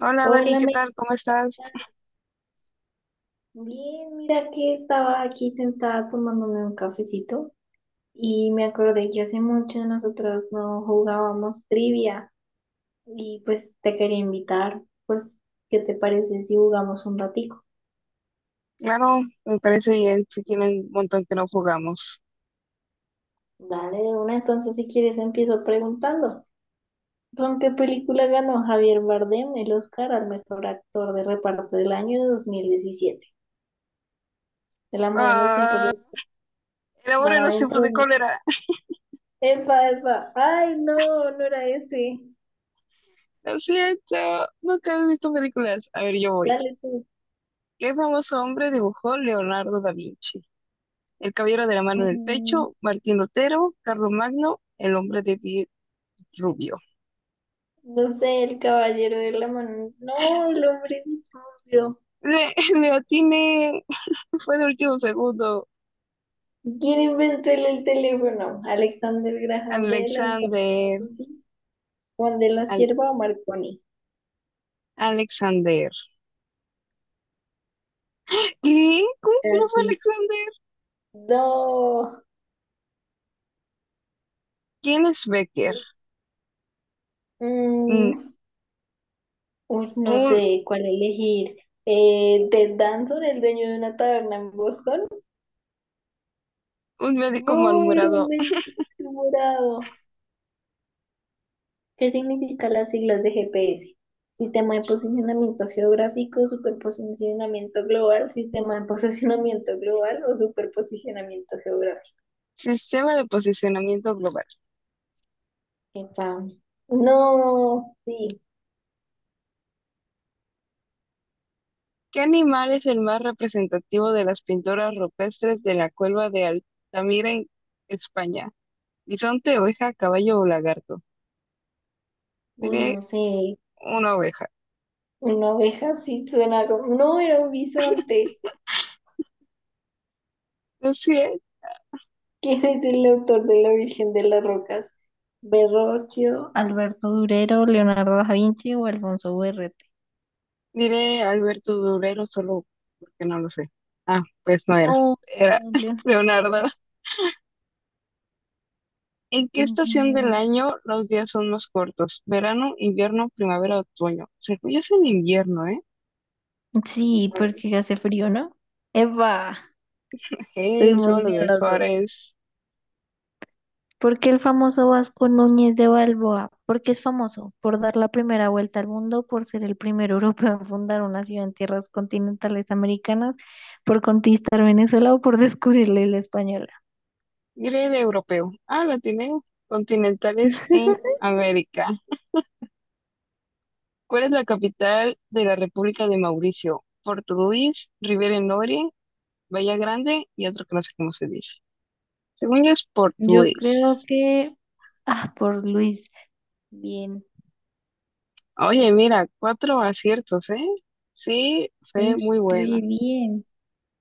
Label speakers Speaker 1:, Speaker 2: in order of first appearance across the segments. Speaker 1: Hola Dani,
Speaker 2: Hola,
Speaker 1: ¿qué tal? ¿Cómo estás?
Speaker 2: bien, mira que estaba aquí sentada tomándome un cafecito y me acordé que hace mucho nosotros no jugábamos trivia y pues te quería invitar, pues, ¿qué te parece si jugamos un ratico?
Speaker 1: Claro, me parece bien, si tienen un montón que no jugamos.
Speaker 2: Dale, de una, entonces si quieres empiezo preguntando. ¿Con qué película ganó Javier Bardem el Oscar al mejor actor de reparto del año 2017? El amor en los tiempos
Speaker 1: Ah,
Speaker 2: de
Speaker 1: el amor
Speaker 2: mar
Speaker 1: en los
Speaker 2: adentro.
Speaker 1: tiempos de cólera.
Speaker 2: Epa, epa, ay, no, no era ese.
Speaker 1: Lo siento, nunca he visto películas. A ver, yo voy.
Speaker 2: Dale tú.
Speaker 1: ¿Qué famoso hombre dibujó Leonardo da Vinci? El caballero de la mano en el
Speaker 2: Mm,
Speaker 1: pecho, Martín Lutero, Carlos Magno, el hombre de piel rubio.
Speaker 2: No sé, el caballero de la mano. No, el hombre de dinosaurio.
Speaker 1: Le, le atiné, fue de último segundo.
Speaker 2: ¿Quién inventó el teléfono? Alexander Graham Bell, Antonio
Speaker 1: Alexander,
Speaker 2: Meucci, Juan de la
Speaker 1: Al-
Speaker 2: Cierva o Marconi.
Speaker 1: Alexander. ¿Qué? ¿Cómo que no fue
Speaker 2: Así.
Speaker 1: Alexander?
Speaker 2: No.
Speaker 1: ¿Quién es Becker? Mm,
Speaker 2: Mm, Uy, no
Speaker 1: Un,
Speaker 2: sé cuál elegir. Ted Danson, el dueño de una taberna en Boston.
Speaker 1: un médico
Speaker 2: No, era un
Speaker 1: malhumorado.
Speaker 2: médico morado. ¿Qué significan las siglas de GPS? Sistema de Posicionamiento Geográfico, Superposicionamiento Global, Sistema de Posicionamiento Global o Superposicionamiento Geográfico.
Speaker 1: Sistema de posicionamiento global.
Speaker 2: Epa. No, sí.
Speaker 1: ¿Qué animal es el más representativo de las pinturas rupestres de la cueva de Altamira en España? ¿Bisonte, oveja, caballo o lagarto?
Speaker 2: Uy,
Speaker 1: Diré
Speaker 2: no sé.
Speaker 1: una oveja.
Speaker 2: Una oveja sí suena como. No, era un bisonte.
Speaker 1: No sé,
Speaker 2: ¿Quién es el autor de La Virgen de las Rocas? Verrocchio, Alberto Durero, Leonardo da Vinci o Alfonso Berrete.
Speaker 1: diré Alberto Durero solo porque no lo sé. Ah, pues no era.
Speaker 2: No,
Speaker 1: Era
Speaker 2: Leonardo da
Speaker 1: Leonardo. ¿En qué estación del
Speaker 2: Vinci.
Speaker 1: año los días son más cortos? ¿Verano, invierno, primavera, otoño? Según yo es en invierno, ¿eh?
Speaker 2: Sí, porque hace frío, ¿no? Eva,
Speaker 1: Hey,
Speaker 2: estuvimos
Speaker 1: solo
Speaker 2: bien
Speaker 1: de
Speaker 2: las dos.
Speaker 1: Juárez.
Speaker 2: ¿Por qué el famoso Vasco Núñez de Balboa? ¿Por qué es famoso? Por dar la primera vuelta al mundo, por ser el primer europeo en fundar una ciudad en tierras continentales americanas, por conquistar Venezuela o por descubrir la isla española.
Speaker 1: Diré de europeo. Ah, la tiene continentales en América. ¿Cuál es la capital de la República de Mauricio? Porto Luis, Rivera Noria, Bahía Grande y otro que no sé cómo se dice. Según yo es Porto
Speaker 2: Yo creo
Speaker 1: Luis.
Speaker 2: que. Ah, por Luis. Bien.
Speaker 1: Oye, mira, cuatro aciertos, ¿eh? Sí, fue
Speaker 2: Pues
Speaker 1: muy
Speaker 2: re
Speaker 1: buena.
Speaker 2: bien.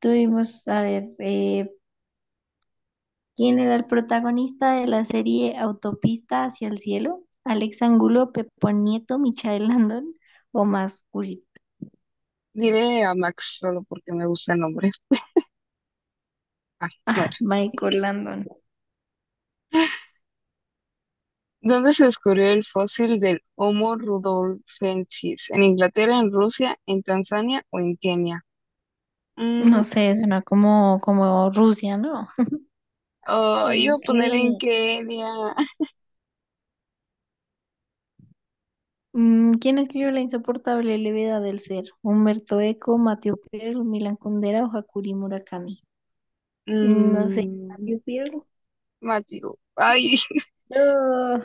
Speaker 2: Tuvimos, a ver, ¿Quien era el protagonista de la serie Autopista hacia el cielo, Alex Angulo, Pepo Nieto, Michael Landon o más culpa?
Speaker 1: Diré a Max solo porque me gusta el nombre. Ah, no,
Speaker 2: Michael Landon.
Speaker 1: ¿dónde se descubrió el fósil del Homo rudolfensis? ¿En Inglaterra, en Rusia, en Tanzania o en Kenia? Mm,
Speaker 2: No sé, suena como Rusia, ¿no?
Speaker 1: oh, iba
Speaker 2: En
Speaker 1: a poner en
Speaker 2: Kenny.
Speaker 1: Kenia.
Speaker 2: ¿Quién escribió La insoportable levedad del ser? Humberto Eco, Mateo Perl, Milan Kundera o Hakuri Murakami. No sé,
Speaker 1: Mm,
Speaker 2: Mateo Perl.
Speaker 1: Mateo. Ay,
Speaker 2: No.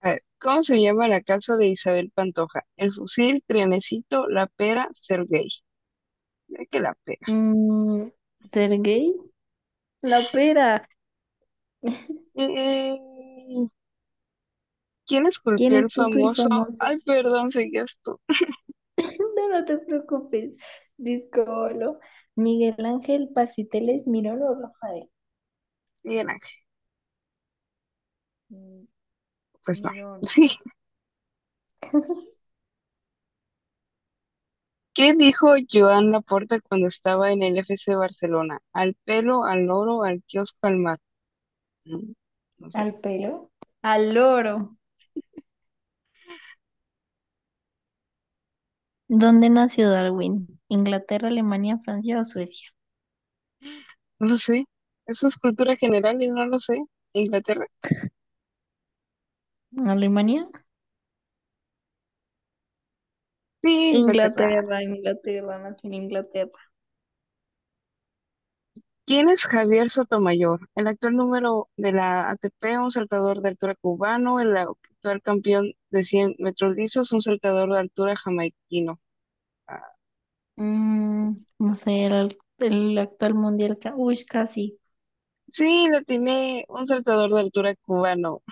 Speaker 1: a ver, ¿cómo se llama la casa de Isabel Pantoja? El fusil, Trianecito, La Pera, Sergei. Ya que la pera.
Speaker 2: mm, Sergei La Pera.
Speaker 1: Eh, ¿Quién
Speaker 2: ¿Quién
Speaker 1: esculpió el
Speaker 2: escupe el
Speaker 1: famoso?
Speaker 2: famoso?
Speaker 1: Ay, perdón, seguías tú.
Speaker 2: No, no te preocupes. Discolo. Miguel Ángel Pasiteles Mirón o Rafael.
Speaker 1: Miguel Ángel.
Speaker 2: Mm,
Speaker 1: Pues no.
Speaker 2: Mirón.
Speaker 1: ¿Qué dijo Joan Laporta cuando estaba en el FC Barcelona? Al pelo, al oro, al kiosco, al mar. No, no sé,
Speaker 2: Al pelo. Al loro. ¿Dónde nació Darwin? ¿Inglaterra, Alemania, Francia o Suecia?
Speaker 1: no lo sé. Eso es cultura general y no lo sé. ¿Inglaterra?
Speaker 2: ¿Alemania?
Speaker 1: Sí, Inglaterra.
Speaker 2: Inglaterra, Inglaterra, nací en Inglaterra.
Speaker 1: ¿Quién es Javier Sotomayor? El actual número de la ATP, un saltador de altura cubano, el actual campeón de 100 metros lisos, un saltador de altura jamaiquino. Ah,
Speaker 2: No sé, el actual mundial. Uy, casi.
Speaker 1: sí, la tiene un saltador de altura cubano.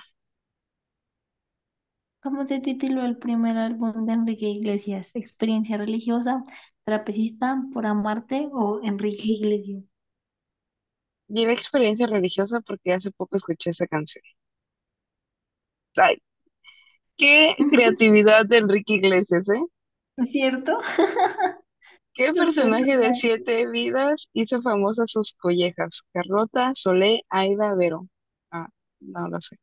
Speaker 2: ¿Cómo se tituló el primer álbum de Enrique Iglesias? ¿Experiencia religiosa, trapecista, por amarte o Enrique Iglesias?
Speaker 1: Y la experiencia religiosa porque hace poco escuché esa canción. Qué
Speaker 2: ¿No
Speaker 1: creatividad de Enrique Iglesias, ¿eh?
Speaker 2: ¿Cierto?
Speaker 1: ¿Qué
Speaker 2: Los
Speaker 1: personaje de
Speaker 2: personajes.
Speaker 1: Siete Vidas hizo famosas sus collejas? Carlota, Solé, Aida, Vero. Ah, no lo sé.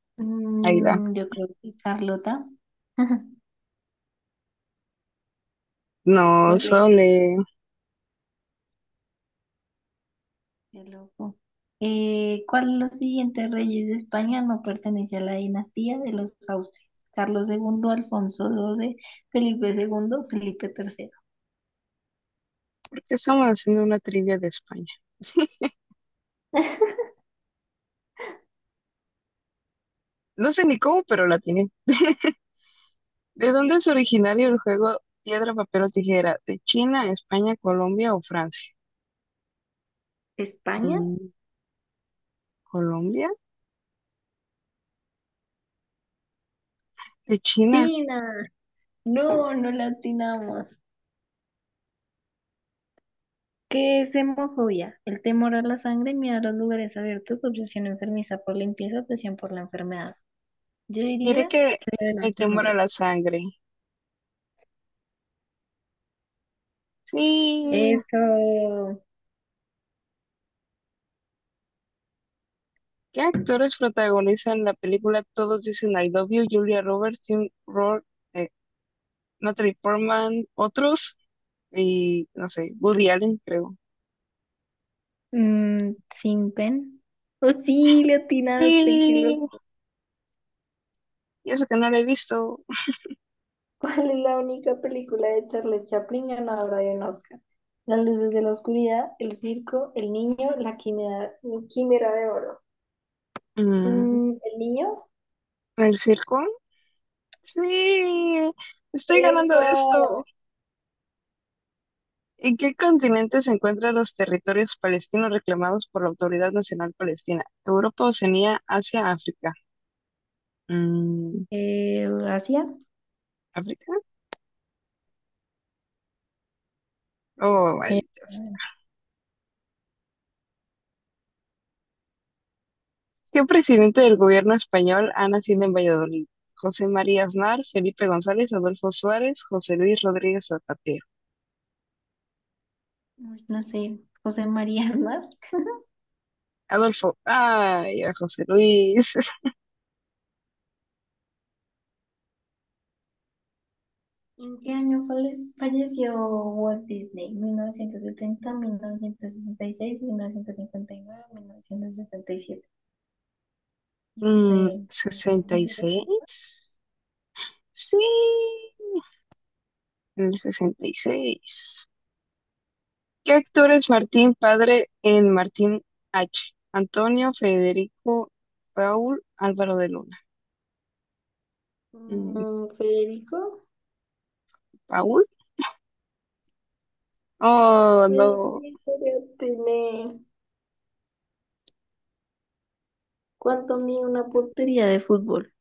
Speaker 1: Aida.
Speaker 2: Yo creo que Carlota.
Speaker 1: No,
Speaker 2: Chole,
Speaker 1: Solé.
Speaker 2: qué loco. ¿Cuál de los siguientes reyes de España no pertenece a la dinastía de los Austrias? Carlos II, Alfonso XII, Felipe II, Felipe III.
Speaker 1: ¿Por qué estamos haciendo una trivia de España? No sé ni cómo, pero la tiene. ¿De dónde es originario el juego piedra, papel o tijera? ¿De China, España, Colombia o Francia?
Speaker 2: ¿España?
Speaker 1: Mm, ¿Colombia? ¿De China?
Speaker 2: Tina, no, no la atinamos. ¿Qué es hemofobia? El temor a la sangre, miedo a los lugares abiertos, obsesión enfermiza por limpieza, obsesión por la enfermedad. Yo
Speaker 1: Diré
Speaker 2: diría
Speaker 1: que
Speaker 2: que lo de la
Speaker 1: el temor a
Speaker 2: sangre.
Speaker 1: la sangre. Sí.
Speaker 2: Eso.
Speaker 1: ¿Qué actores protagonizan la película Todos dicen I love you? Julia Roberts, Tim Roth, eh, Natalie Portman, otros, y no sé, Woody Allen, creo.
Speaker 2: Sin pen. Oh, sí, le atinaste, qué loco.
Speaker 1: Sí, y eso que no lo he visto.
Speaker 2: ¿Cuál es la única película de Charles Chaplin ganadora de un Oscar? Las luces de la oscuridad, El circo, El niño, La quimera, quimera de oro.
Speaker 1: Mm,
Speaker 2: ¿El niño?
Speaker 1: ¿El circo? Sí, estoy ganando
Speaker 2: ¡Epa!
Speaker 1: esto. ¿En qué continente se encuentran los territorios palestinos reclamados por la Autoridad Nacional Palestina? Europa, Oceanía, Asia, África. Mm,
Speaker 2: Asia.
Speaker 1: ¿África? Oh, vale.
Speaker 2: Eh,
Speaker 1: ¿Qué presidente del gobierno español ha nacido en Valladolid? José María Aznar, Felipe González, Adolfo Suárez, José Luis Rodríguez Zapatero.
Speaker 2: Uy, no sé, José María Aznar.
Speaker 1: Adolfo, ay, a José Luis.
Speaker 2: ¿En qué año falleció Walt Disney? ¿1970, 1966, mil novecientos cincuenta y nueve, 1977? Y no sé,
Speaker 1: ¿Sesenta y
Speaker 2: 170.
Speaker 1: seis? Sí, el 66. ¿Qué actor es Martín Padre en Martín H? Antonio, Federico, Paul, Álvaro de Luna. Mm,
Speaker 2: Federico,
Speaker 1: ¿Paul? Oh, no.
Speaker 2: Federico, ya tiene. ¿Cuánto mide una portería de fútbol?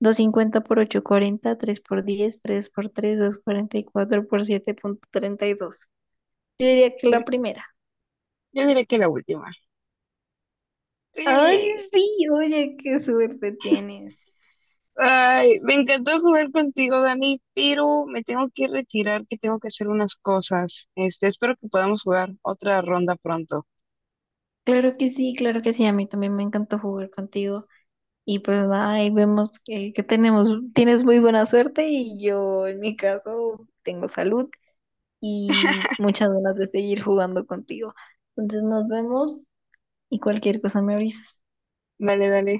Speaker 2: 250 por 840, 3 por 10, 3 por tres, 244 por 7,32. Yo diría que la primera.
Speaker 1: Yo diré que la última.
Speaker 2: Ay,
Speaker 1: Sí.
Speaker 2: sí, oye, qué suerte tienes.
Speaker 1: Ay, me encantó jugar contigo, Dani, pero me tengo que retirar, que tengo que hacer unas cosas. Este, espero que podamos jugar otra ronda pronto.
Speaker 2: Claro que sí, claro que sí. A mí también me encantó jugar contigo. Y pues nada, ahí vemos que tienes muy buena suerte y yo en mi caso tengo salud y muchas ganas de seguir jugando contigo. Entonces nos vemos y cualquier cosa me avisas.
Speaker 1: Dale, dale.